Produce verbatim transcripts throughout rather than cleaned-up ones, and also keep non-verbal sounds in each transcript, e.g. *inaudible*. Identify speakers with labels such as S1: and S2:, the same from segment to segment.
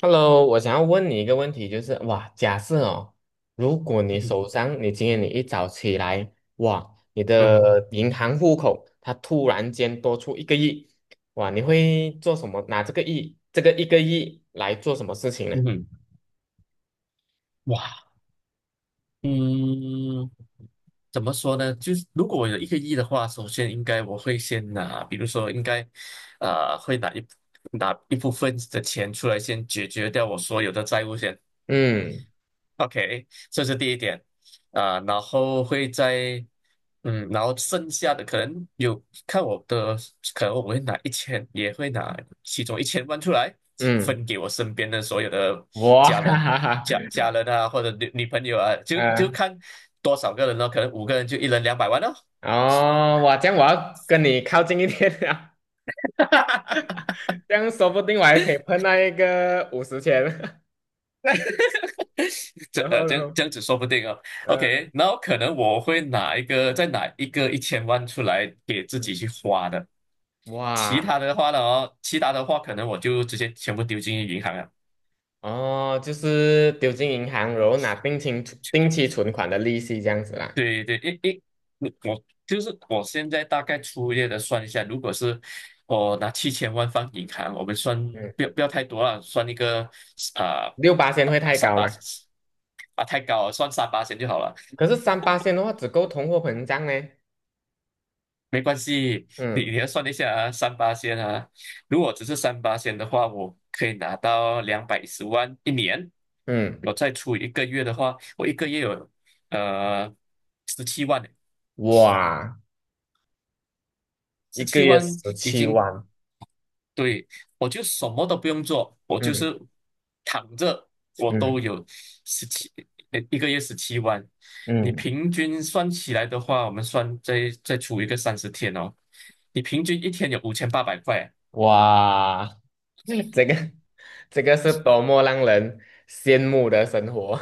S1: Hello，我想要问你一个问题，就是哇，假设哦，如果你
S2: 嗯
S1: 手上，你今天你一早起来，哇，你
S2: 嗯。
S1: 的银行户口它突然间多出一个亿，哇，你会做什么？拿这个亿，这个一个亿来做什么事情呢？
S2: 嗯。哇。嗯。怎么说呢？就是如果我有一个亿的话，首先应该我会先拿，比如说应该，呃，会拿一拿一部分的钱出来，先解决掉我所有的债务先。
S1: 嗯
S2: OK，这是第一点啊。然后会在，嗯，然后剩下的可能有看我的，可能我会拿一千，也会拿其中一千万出来，分
S1: 嗯，
S2: 给我身边的所有的
S1: 哇，*laughs*
S2: 家
S1: 哈
S2: 人、
S1: 哈哈，
S2: 家家人啊，或者女女朋友啊，就就
S1: 嗯、
S2: 看多少个人咯，可能五个人就一人两百万哦。
S1: 哦，哇，这样我要跟你靠近一点了，
S2: *laughs*
S1: *laughs* 这样说不定我还可以碰到一个五十钱，*laughs*
S2: 这
S1: 然
S2: 呃
S1: 后
S2: 这样
S1: 呢，
S2: 这样子说不定哦。
S1: 嗯、
S2: OK，然后可能我会拿一个再拿一个一千万出来给自己去花的。其他
S1: 哇。
S2: 的话呢，哦，其他的话可能我就直接全部丢进银行了。
S1: 哦，就是丢进银行，然后拿定期定期存款的利息这样子啦。
S2: 对对，因因我就是我现在大概粗略的算一下，如果是我拿七千万放银行，我们算
S1: 嗯，
S2: 不要不要太多了，算一个，啊，
S1: 六八千会太
S2: 三
S1: 高
S2: 八，
S1: 吗？
S2: 啊，太高了，算三八千就好了。
S1: 可是三八千的话，只够通货膨胀呢。
S2: 没关系，你
S1: 嗯
S2: 你要算一下啊，三八仙啊。如果只是三八仙的话，我可以拿到两百一十万一年。
S1: 嗯，
S2: 我再出一个月的话，我一个月有，呃十七万，
S1: 哇，一
S2: 十
S1: 个
S2: 七
S1: 月
S2: 万
S1: 十
S2: 已
S1: 七
S2: 经。
S1: 万。
S2: 对，我就什么都不用做，我就
S1: 嗯
S2: 是躺着。我
S1: 嗯
S2: 都有十七一个月十七万。你
S1: 嗯，
S2: 平均算起来的话，我们算再再出一个三十天哦，你平均一天有五千八百块。
S1: 哇，*laughs* 这个这个是多么让人羡慕的生活。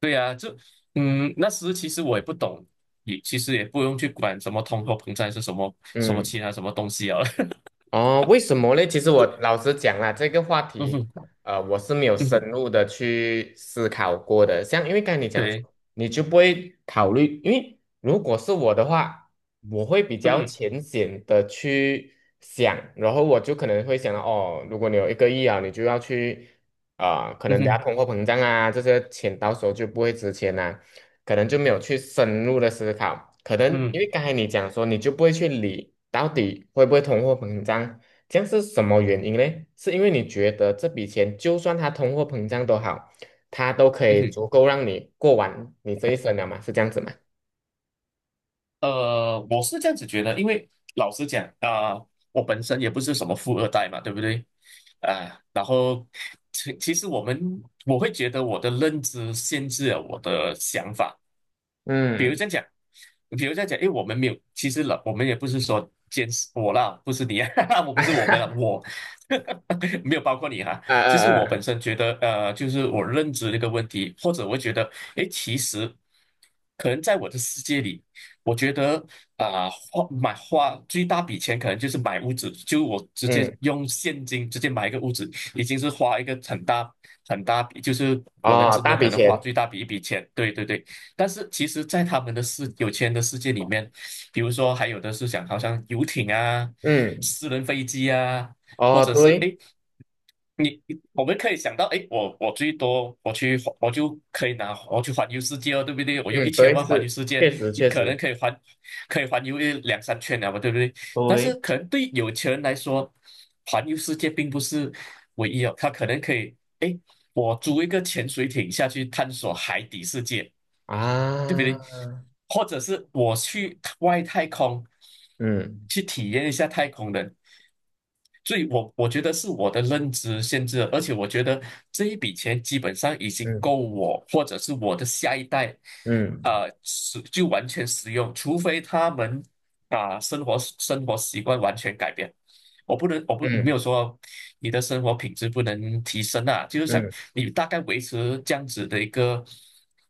S2: 对呀。就，嗯，那时其实我也不懂，也其实也不用去管什么通货膨胀是什么
S1: *laughs*
S2: 什么
S1: 嗯。
S2: 其他什么东西啊。*laughs*
S1: 哦，为什么嘞？其实我老实讲啦，这个话
S2: 嗯
S1: 题，
S2: 哼。
S1: 呃，我是没有
S2: 嗯
S1: 深
S2: 哼。
S1: 入的去思考过的。像因为刚才你讲
S2: 对。
S1: 说，你就不会考虑，因为如果是我的话，我会比
S2: 嗯
S1: 较
S2: 哼。
S1: 浅显的去想，然后我就可能会想到，哦，如果你有一个亿啊，你就要去，啊、可
S2: 嗯
S1: 能等下
S2: 哼。
S1: 通货膨胀啊，这些钱到时候就不会值钱啦、可能就没有去深入的思考，可能
S2: 嗯
S1: 因
S2: 哼。
S1: 为刚才你讲说，你就不会去理到底会不会通货膨胀，这样是什么原因呢？是因为你觉得这笔钱就算它通货膨胀都好，它都可
S2: 嗯
S1: 以
S2: 哼。
S1: 足够让你过完你这一生了嘛？是这样子吗？
S2: 呃，我是这样子觉得，因为老实讲啊，我本身也不是什么富二代嘛，对不对？啊。然后其其实我们我会觉得我的认知限制了我的想法，比如
S1: 嗯，
S2: 这样讲。比如在讲，诶，我们没有，其实了，我们也不是说坚持，我啦，不是你啊。*laughs* 我不是我们了，
S1: *laughs*
S2: 我。 *laughs* 没有包括你哈。
S1: 啊
S2: 就是
S1: 啊
S2: 我本
S1: 啊，
S2: 身觉得，呃，就是我认知这个问题，或者我觉得，诶，其实可能在我的世界里，我觉得啊，花买花最大笔钱可能就是买屋子，就我直接
S1: 嗯，
S2: 用现金直接买一个屋子，已经是花一个很大很大笔，就是我人
S1: 哦，
S2: 生
S1: 大
S2: 中可
S1: 笔
S2: 能花
S1: 钱，
S2: 最大笔一笔钱，对对对。但是其实，在他们的世有钱人的世界里面，比如说还有的是想，好像游艇啊、
S1: 嗯，
S2: 私人飞机啊，或
S1: 哦，
S2: 者是，
S1: 对，
S2: 诶，你我们可以想到，诶，我我最多我去我就可以拿我去环游世界哦，对不对？我用
S1: 嗯，
S2: 一千
S1: 对，
S2: 万环游
S1: 是，
S2: 世界，
S1: 确实
S2: 你
S1: 确
S2: 可能
S1: 实，
S2: 可以环可以环游一两三圈了嘛，对不对？但是
S1: 对
S2: 可能对有钱人来说，环游世界并不是唯一哦，他可能可以，诶，我租一个潜水艇下去探索海底世界。对不对？
S1: 啊，
S2: 或者是我去外太空
S1: 嗯
S2: 去体验一下太空人。所以我我觉得是我的认知限制了，而且我觉得这一笔钱基本上已经
S1: 嗯
S2: 够我或者是我的下一代，
S1: 嗯
S2: 呃，使就完全使用，除非他们把生活生活习惯完全改变。我不能，我不没
S1: 嗯
S2: 有说你的生活品质不能提升啊，就是想
S1: 嗯。
S2: 你大概维持这样子的一个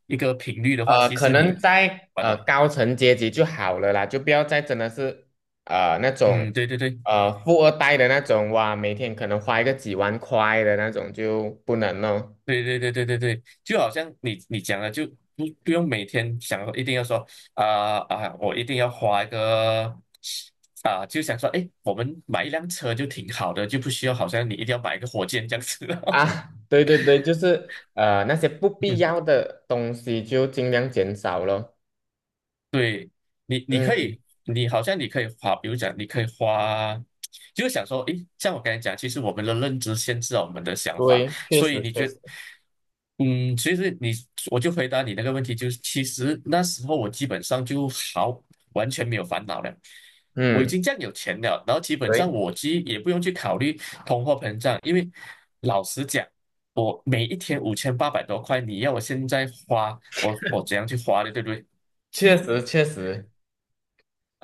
S2: 一个频率的话，
S1: 呃，
S2: 其
S1: 可
S2: 实你
S1: 能
S2: 的
S1: 在
S2: 完
S1: 呃
S2: 了。
S1: 高层阶级就好了啦，就不要再真的是呃那种
S2: 嗯，对对对
S1: 呃富二代的那种哇，每天可能花一个几万块的那种就不能哦。
S2: 对对对对对对，就好像你你讲的，就不不用每天想一定要说，啊啊，我一定要花一个啊，就想说，哎，我们买一辆车就挺好的，就不需要好像你一定要买一个火箭这样子。嗯。
S1: 啊，*laughs* 对对对，就是呃那些不必
S2: *laughs*
S1: 要的东西就尽量减少咯。
S2: 对。你，你可
S1: 嗯，
S2: 以，你好像你可以花，比如讲，你可以花，就是想说，诶，像我刚才讲，其实我们的认知限制了我们的想法，
S1: 对，确
S2: 所以
S1: 实
S2: 你
S1: 确
S2: 觉得，
S1: 实，
S2: 嗯，其实你，我就回答你那个问题，就是其实那时候我基本上就好，完全没有烦恼了。我已
S1: 嗯，
S2: 经这样有钱了，然后基本上
S1: 对，
S2: 我其实也不用去考虑通货膨胀。因为老实讲，我每一天五千八百多块，你要我现在花，我我怎样去花的，对不对？
S1: 确实确实。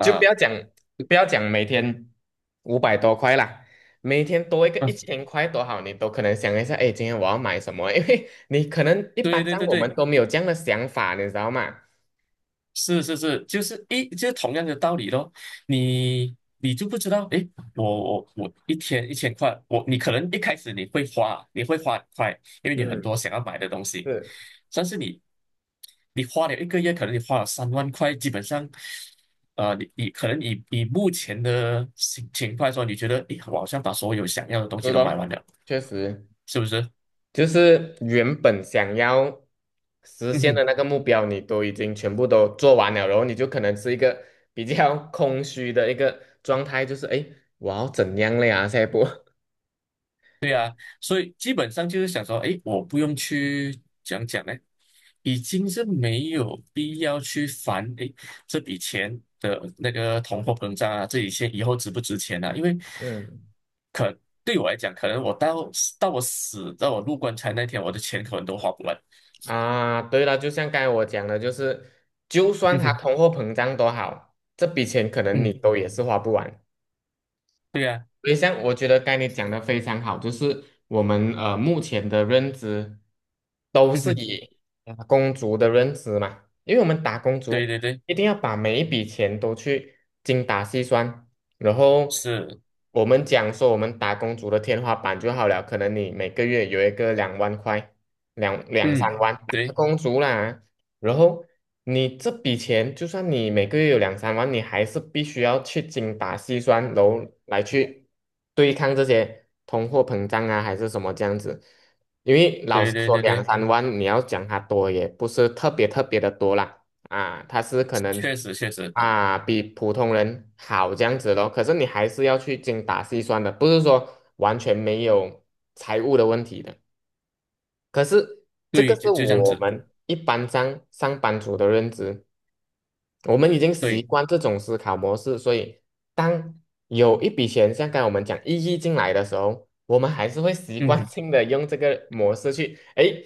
S1: 就不要讲不要讲每天五百多块啦，每天多一个一千块多好，你都可能想一下，哎，今天我要买什么？因为你可能一
S2: 对
S1: 般
S2: 对
S1: 上
S2: 对
S1: 我们
S2: 对，
S1: 都没有这样的想法，你知道吗？
S2: 是是是，就是一就是同样的道理咯。你你就不知道，诶，我我我一天一千块，我你可能一开始你会花，你会花很快，因为你很
S1: 嗯，
S2: 多想要买的东西，
S1: 是
S2: 但是你你花了一个月，可能你花了三万块，基本上，呃，你你可能以以目前的情情况来说，你觉得，诶，我好像把所有想要的东西
S1: 是
S2: 都买
S1: 咯，
S2: 完了，
S1: 确实，
S2: 是不是？
S1: 就是原本想要实
S2: 嗯
S1: 现的
S2: 哼。
S1: 那个目标，你都已经全部都做完了，然后你就可能是一个比较空虚的一个状态，就是哎，诶我要怎样了呀？下一步，*laughs*
S2: 所以基本上就是想说，哎，我不用去讲讲呢，已经是没有必要去烦，哎，这笔钱的那个通货膨胀啊，这笔钱以后值不值钱啊？因为
S1: 嗯
S2: 可对我来讲，可能我到到我死到我入棺材那天，我的钱可能都花不完。
S1: 啊，对了，就像刚才我讲的，就是就
S2: *laughs*
S1: 算
S2: 嗯
S1: 它
S2: 哼。
S1: 通货膨胀多好，这笔钱可能你
S2: 嗯。
S1: 都也是花不完。
S2: 对呀。啊。
S1: 所以像我觉得刚才你讲的非常好，就是我们呃目前的认知都
S2: 嗯
S1: 是
S2: 哼。
S1: 以打工族的认知嘛，因为我们打工
S2: 对
S1: 族
S2: 对对。
S1: 一定要把每一笔钱都去精打细算，然后
S2: 是。
S1: 我们讲说我们打工族的天花板就好了，可能你每个月有一个两万块，两两
S2: 嗯。
S1: 三万，打
S2: 对
S1: 工族啦。然后你这笔钱，就算你每个月有两三万，你还是必须要去精打细算，然后来去对抗这些通货膨胀啊，还是什么这样子。因为老
S2: 对
S1: 实
S2: 对
S1: 说，
S2: 对
S1: 两
S2: 对。
S1: 三万你要讲它多，也不是特别特别的多啦，啊，它是可能
S2: 确实确实。
S1: 啊比普通人好这样子咯。可是你还是要去精打细算的，不是说完全没有财务的问题的。可是这个
S2: 对，就
S1: 是
S2: 就这样
S1: 我
S2: 子。
S1: 们一般上上班族的认知，我们已经习
S2: 对。
S1: 惯这种思考模式，所以当有一笔钱像刚才我们讲一亿进来的时候，我们还是会习
S2: 嗯
S1: 惯
S2: 哼。
S1: 性的用这个模式去，诶，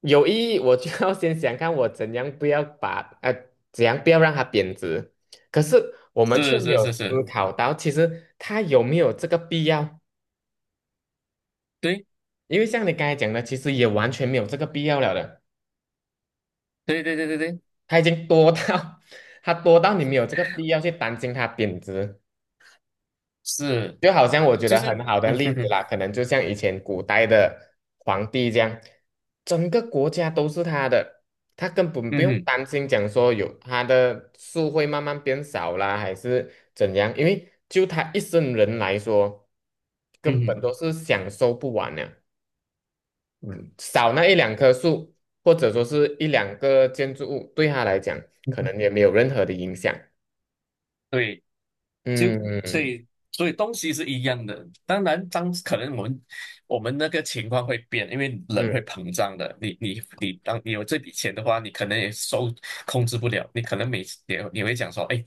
S1: 有意义，我就要先想看我怎样不要把呃怎样不要让它贬值，可是我们却
S2: 是
S1: 没
S2: 是
S1: 有
S2: 是
S1: 思
S2: 是。
S1: 考到其实它有没有这个必要，
S2: 对。
S1: 因为像你刚才讲的，其实也完全没有这个必要了的。
S2: 对对对对对。
S1: 它已经多到 *laughs* 它多到你没有这个必要去担心它贬值。
S2: 是。
S1: 就好像我觉
S2: 就
S1: 得
S2: 是。
S1: 很好的
S2: 嗯
S1: 例
S2: 哼
S1: 子
S2: 哼。
S1: 啦，可能就像以前古代的皇帝这样，整个国家都是他的，他根本不
S2: 嗯
S1: 用
S2: 哼。
S1: 担心讲说有他的树会慢慢变少啦，还是怎样，因为就他一生人来说，
S2: 嗯
S1: 根本
S2: 哼。
S1: 都是享受不完的。少那一两棵树，或者说是一两个建筑物，对他来讲
S2: 嗯
S1: 可
S2: 哼
S1: 能也没有任何的影响。
S2: 对，就
S1: 嗯
S2: 所
S1: 嗯
S2: 以所以东西是一样的，当然当可能我们我们那个情况会变，因为人会
S1: 嗯
S2: 膨胀的。你你你，当你有这笔钱的话，你可能也收控制不了，你可能每次也你会讲说，哎。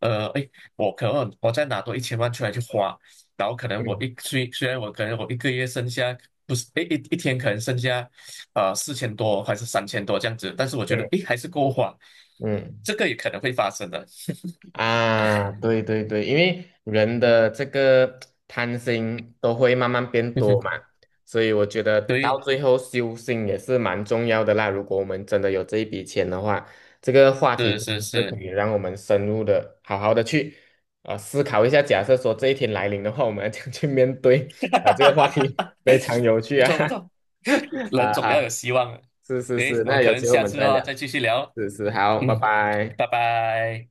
S2: 呃，哎，我可能我再拿多一千万出来去花，然后可能我
S1: 嗯，
S2: 一虽虽然我可能我一个月剩下，不是，哎，一一天可能剩下，呃四千多还是三千多这样子，但是我觉得
S1: 对，
S2: 哎还是够花，
S1: 嗯
S2: 这个也可能会发生的。*laughs*
S1: 啊，对对对，因为人的这个贪心都会慢慢变
S2: 嗯
S1: 多
S2: 哼。
S1: 嘛，所以我觉得到
S2: 对。
S1: 最后修心也是蛮重要的啦。如果我们真的有这一笔钱的话，这个话题
S2: 是
S1: 真
S2: 是
S1: 的是可
S2: 是。
S1: 以让我们深入的、好好的去啊、呃思考一下。假设说这一天来临的话，我们要怎样去面对 *laughs* 啊、这个话题
S2: *laughs*
S1: 非常有趣
S2: 不
S1: 啊
S2: 错不错。
S1: *laughs*
S2: 人
S1: 啊，
S2: 总要
S1: 哈。
S2: 有希望的。
S1: 是是
S2: 诶，
S1: 是，
S2: 我
S1: 那
S2: 们可
S1: 有
S2: 能
S1: 机会我
S2: 下
S1: 们
S2: 次的
S1: 再
S2: 话
S1: 聊。
S2: 再继续聊。
S1: 是是，好，拜
S2: 嗯，
S1: 拜。
S2: 拜拜。